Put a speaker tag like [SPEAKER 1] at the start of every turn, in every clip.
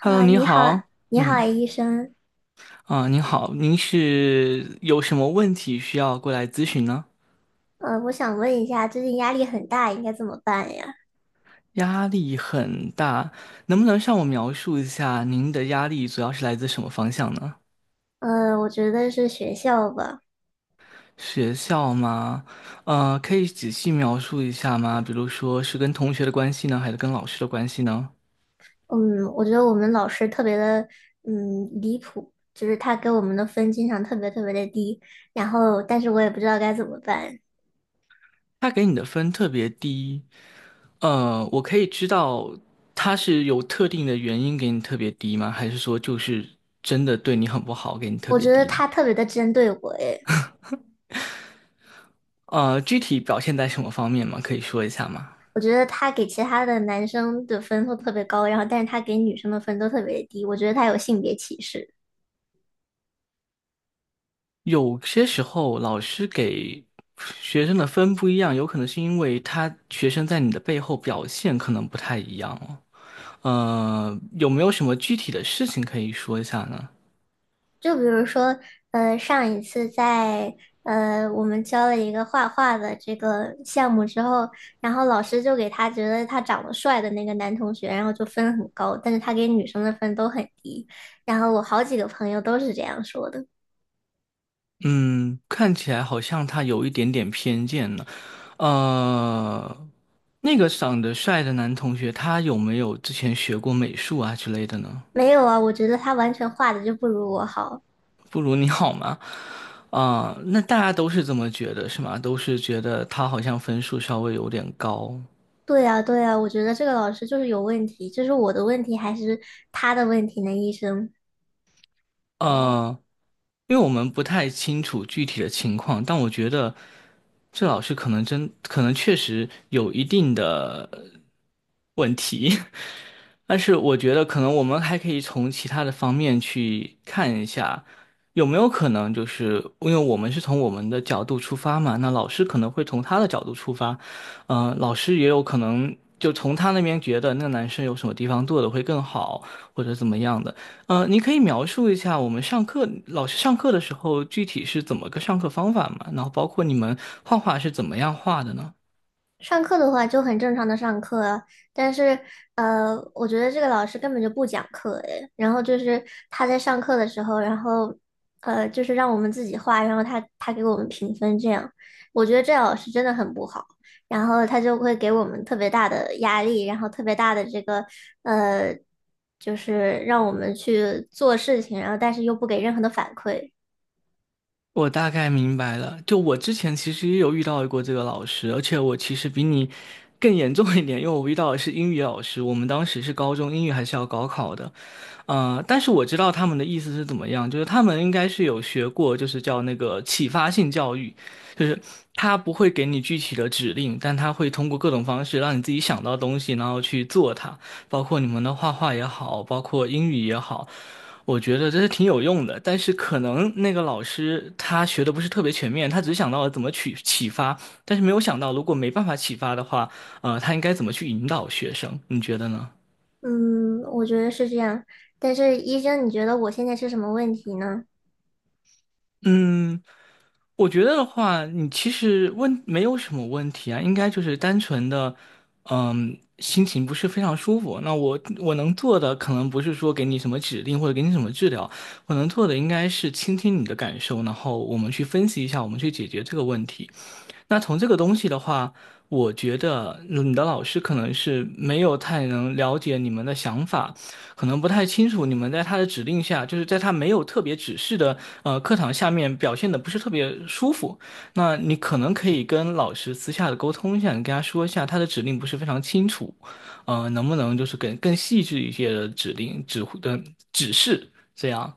[SPEAKER 1] Hello，
[SPEAKER 2] 啊，
[SPEAKER 1] 您
[SPEAKER 2] 你好，
[SPEAKER 1] 好，
[SPEAKER 2] 你好，
[SPEAKER 1] 嗯，
[SPEAKER 2] 医生。
[SPEAKER 1] 您好，您是有什么问题需要过来咨询呢？
[SPEAKER 2] 我想问一下，最近压力很大，应该怎么办呀？
[SPEAKER 1] 压力很大，能不能向我描述一下您的压力主要是来自什么方向呢？
[SPEAKER 2] 我觉得是学校吧。
[SPEAKER 1] 学校吗？可以仔细描述一下吗？比如说是跟同学的关系呢，还是跟老师的关系呢？
[SPEAKER 2] 嗯，我觉得我们老师特别的，嗯，离谱，就是他给我们的分经常特别特别的低，然后，但是我也不知道该怎么办。
[SPEAKER 1] 他给你的分特别低，我可以知道他是有特定的原因给你特别低吗？还是说就是真的对你很不好，给你特
[SPEAKER 2] 我
[SPEAKER 1] 别
[SPEAKER 2] 觉得
[SPEAKER 1] 低呢？
[SPEAKER 2] 他特别的针对我，诶，
[SPEAKER 1] 具体表现在什么方面吗？可以说一下吗？
[SPEAKER 2] 我觉得他给其他的男生的分都特别高，然后，但是他给女生的分都特别低，我觉得他有性别歧视。
[SPEAKER 1] 有些时候老师给学生的分不一样，有可能是因为他学生在你的背后表现可能不太一样哦。有没有什么具体的事情可以说一下呢？
[SPEAKER 2] 就比如说，上一次在我们教了一个画画的这个项目之后，然后老师就给他觉得他长得帅的那个男同学，然后就分很高，但是他给女生的分都很低。然后我好几个朋友都是这样说的。
[SPEAKER 1] 嗯，看起来好像他有一点点偏见呢。呃，那个长得帅的男同学，他有没有之前学过美术啊之类的呢？
[SPEAKER 2] 没有啊，我觉得他完全画的就不如我好。
[SPEAKER 1] 不如你好吗？啊、那大家都是这么觉得，是吗？都是觉得他好像分数稍微有点高。
[SPEAKER 2] 对呀，对呀，我觉得这个老师就是有问题，这是我的问题还是他的问题呢，医生？
[SPEAKER 1] 呃，因为我们不太清楚具体的情况，但我觉得这老师可能确实有一定的问题。但是我觉得可能我们还可以从其他的方面去看一下，有没有可能就是因为我们是从我们的角度出发嘛，那老师可能会从他的角度出发，嗯、老师也有可能就从他那边觉得那个男生有什么地方做的会更好，或者怎么样的。你可以描述一下我们上课，老师上课的时候具体是怎么个上课方法嘛，然后包括你们画画是怎么样画的呢？
[SPEAKER 2] 上课的话就很正常的上课啊，但是我觉得这个老师根本就不讲课诶，然后就是他在上课的时候，然后就是让我们自己画，然后他给我们评分这样，我觉得这老师真的很不好，然后他就会给我们特别大的压力，然后特别大的这个呃，就是让我们去做事情，然后但是又不给任何的反馈。
[SPEAKER 1] 我大概明白了，就我之前其实也有遇到过这个老师，而且我其实比你更严重一点，因为我遇到的是英语老师，我们当时是高中英语还是要高考的，但是我知道他们的意思是怎么样，就是他们应该是有学过，就是叫那个启发性教育，就是他不会给你具体的指令，但他会通过各种方式让你自己想到东西，然后去做它，包括你们的画画也好，包括英语也好。我觉得这是挺有用的，但是可能那个老师他学的不是特别全面，他只想到了怎么去启发，但是没有想到如果没办法启发的话，他应该怎么去引导学生？你觉得呢？
[SPEAKER 2] 嗯，我觉得是这样，但是医生，你觉得我现在是什么问题呢？
[SPEAKER 1] 嗯，我觉得的话，你其实问没有什么问题啊，应该就是单纯的，嗯，心情不是非常舒服。那我能做的可能不是说给你什么指令或者给你什么治疗，我能做的应该是倾听你的感受，然后我们去分析一下，我们去解决这个问题。那从这个东西的话，我觉得嗯你的老师可能是没有太能了解你们的想法，可能不太清楚你们在他的指令下，就是在他没有特别指示的课堂下面表现的不是特别舒服。那你可能可以跟老师私下的沟通一下，你跟他说一下他的指令不是非常清楚，能不能就是更细致一些的指令指挥的指示这样。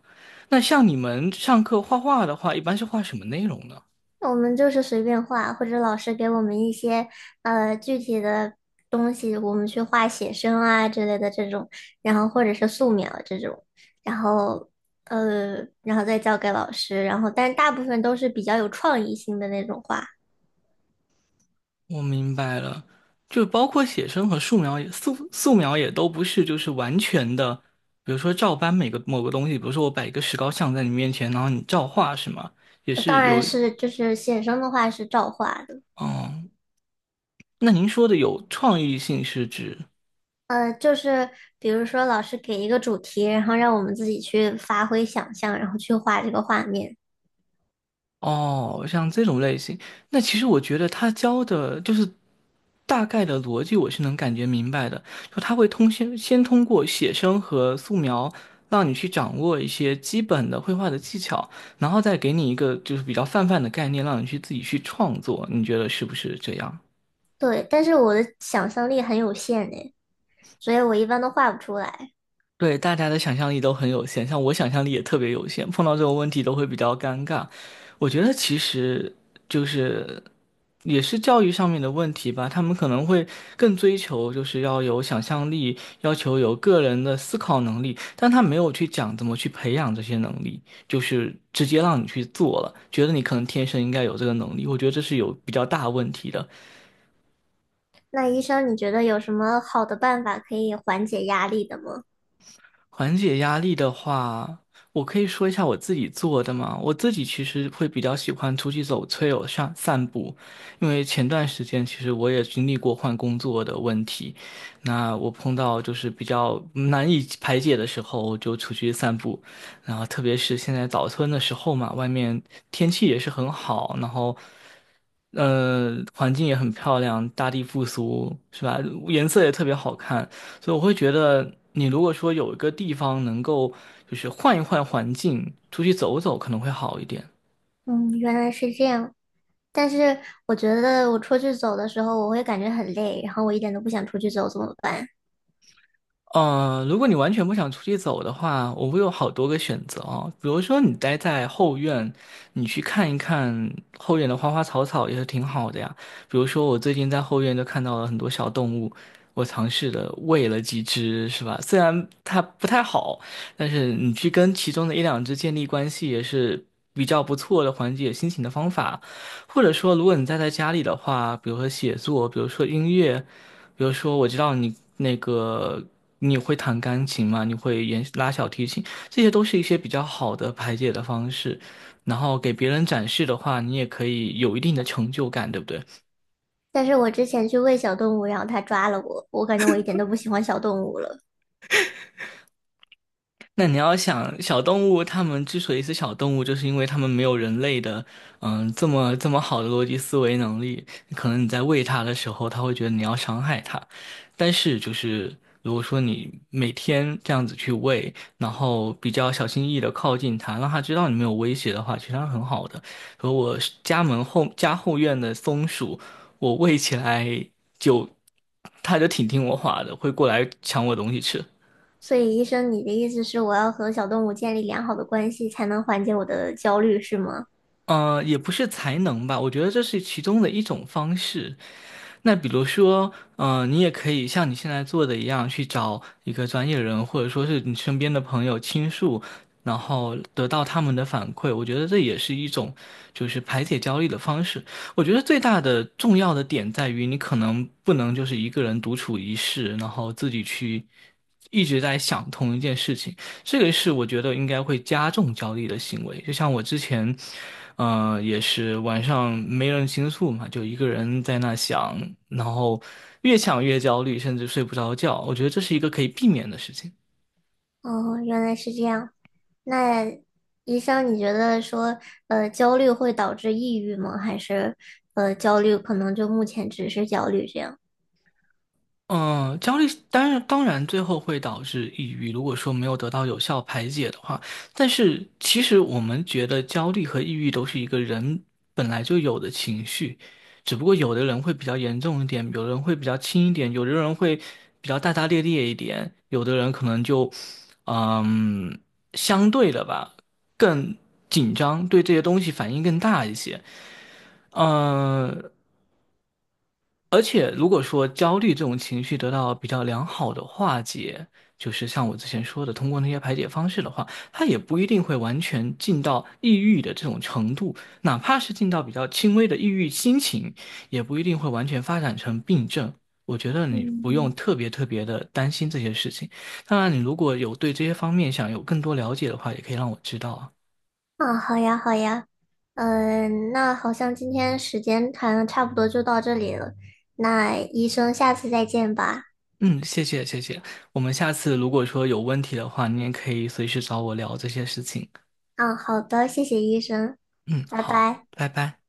[SPEAKER 1] 那像你们上课画画的话，一般是画什么内容呢？
[SPEAKER 2] 我们就是随便画，或者老师给我们一些具体的东西，我们去画写生啊之类的这种，然后或者是素描这种，然后然后再交给老师，然后但大部分都是比较有创意性的那种画。
[SPEAKER 1] 我明白了，就包括写生和素描素描也都不是就是完全的，比如说照搬某个东西，比如说我摆一个石膏像在你面前，然后你照画是吗？也是
[SPEAKER 2] 当然
[SPEAKER 1] 有，
[SPEAKER 2] 是就是写生的话是照画的。
[SPEAKER 1] 嗯，那您说的有创意性是指？
[SPEAKER 2] 就是比如说老师给一个主题，然后让我们自己去发挥想象，然后去画这个画面。
[SPEAKER 1] 哦，像这种类型，那其实我觉得他教的就是大概的逻辑，我是能感觉明白的。就他会先通过写生和素描，让你去掌握一些基本的绘画的技巧，然后再给你一个就是比较泛泛的概念，让你去自己去创作。你觉得是不是这样？
[SPEAKER 2] 对，但是我的想象力很有限诶。所以我一般都画不出来。
[SPEAKER 1] 对，大家的想象力都很有限，像我想象力也特别有限，碰到这种问题都会比较尴尬。我觉得其实就是也是教育上面的问题吧，他们可能会更追求就是要有想象力，要求有个人的思考能力，但他没有去讲怎么去培养这些能力，就是直接让你去做了，觉得你可能天生应该有这个能力，我觉得这是有比较大问题的。
[SPEAKER 2] 那医生，你觉得有什么好的办法可以缓解压力的吗？
[SPEAKER 1] 缓解压力的话，我可以说一下我自己做的嘛。我自己其实会比较喜欢出去走翠哦，上散步，因为前段时间其实我也经历过换工作的问题，那我碰到就是比较难以排解的时候，我就出去散步。然后特别是现在早春的时候嘛，外面天气也是很好，然后。环境也很漂亮，大地复苏，是吧？颜色也特别好看，所以我会觉得，你如果说有一个地方能够就是换一换环境，出去走走，可能会好一点。
[SPEAKER 2] 嗯，原来是这样。但是我觉得我出去走的时候，我会感觉很累，然后我一点都不想出去走，怎么办？
[SPEAKER 1] 如果你完全不想出去走的话，我会有好多个选择哦。比如说，你待在后院，你去看一看后院的花花草草也是挺好的呀。比如说，我最近在后院就看到了很多小动物，我尝试的喂了几只，是吧？虽然它不太好，但是你去跟其中的一两只建立关系也是比较不错的缓解心情的方法。或者说，如果你待在家里的话，比如说写作，比如说音乐。比如说，我知道你那个你会弹钢琴嘛，你会拉小提琴，这些都是一些比较好的排解的方式。然后给别人展示的话，你也可以有一定的成就感，对不对？
[SPEAKER 2] 但是我之前去喂小动物，然后它抓了我，我感觉我一点都不喜欢小动物了。
[SPEAKER 1] 那你要想，小动物它们之所以是小动物，就是因为它们没有人类的，嗯，这么好的逻辑思维能力。可能你在喂它的时候，它会觉得你要伤害它，但是就是如果说你每天这样子去喂，然后比较小心翼翼的靠近它，让它知道你没有威胁的话，其实它很好的。和我家后院的松鼠，我喂起来就，它就挺听我话的，会过来抢我东西吃。
[SPEAKER 2] 所以医生，你的意思是我要和小动物建立良好的关系，才能缓解我的焦虑，是吗？
[SPEAKER 1] 也不是才能吧，我觉得这是其中的一种方式。那比如说，你也可以像你现在做的一样，去找一个专业人，或者说是你身边的朋友倾诉，然后得到他们的反馈。我觉得这也是一种就是排解焦虑的方式。我觉得最大的重要的点在于，你可能不能就是一个人独处一室，然后自己去一直在想同一件事情。这个是我觉得应该会加重焦虑的行为。就像我之前，也是晚上没人倾诉嘛，就一个人在那想，然后越想越焦虑，甚至睡不着觉。我觉得这是一个可以避免的事情。
[SPEAKER 2] 哦，原来是这样。那医生，你觉得说，焦虑会导致抑郁吗？还是，焦虑可能就目前只是焦虑这样？
[SPEAKER 1] 嗯，焦虑当然最后会导致抑郁，如果说没有得到有效排解的话，但是其实我们觉得焦虑和抑郁都是一个人本来就有的情绪，只不过有的人会比较严重一点，有的人会比较轻一点，有的人会比较大大咧咧一点，有的人可能就嗯相对的吧更紧张，对这些东西反应更大一些。嗯。而且，如果说焦虑这种情绪得到比较良好的化解，就是像我之前说的，通过那些排解方式的话，它也不一定会完全进到抑郁的这种程度，哪怕是进到比较轻微的抑郁心情，也不一定会完全发展成病症。我觉得你不用
[SPEAKER 2] 嗯。
[SPEAKER 1] 特别的担心这些事情。当然，你如果有对这些方面想有更多了解的话，也可以让我知道啊。
[SPEAKER 2] 啊，好呀，好呀。嗯，那好像今天时间谈的差不多就到这里了。那医生，下次再见吧。
[SPEAKER 1] 嗯，谢谢。我们下次如果说有问题的话，你也可以随时找我聊这些事情。
[SPEAKER 2] 嗯，好的，谢谢医生，
[SPEAKER 1] 嗯，
[SPEAKER 2] 拜
[SPEAKER 1] 好，
[SPEAKER 2] 拜。
[SPEAKER 1] 拜拜。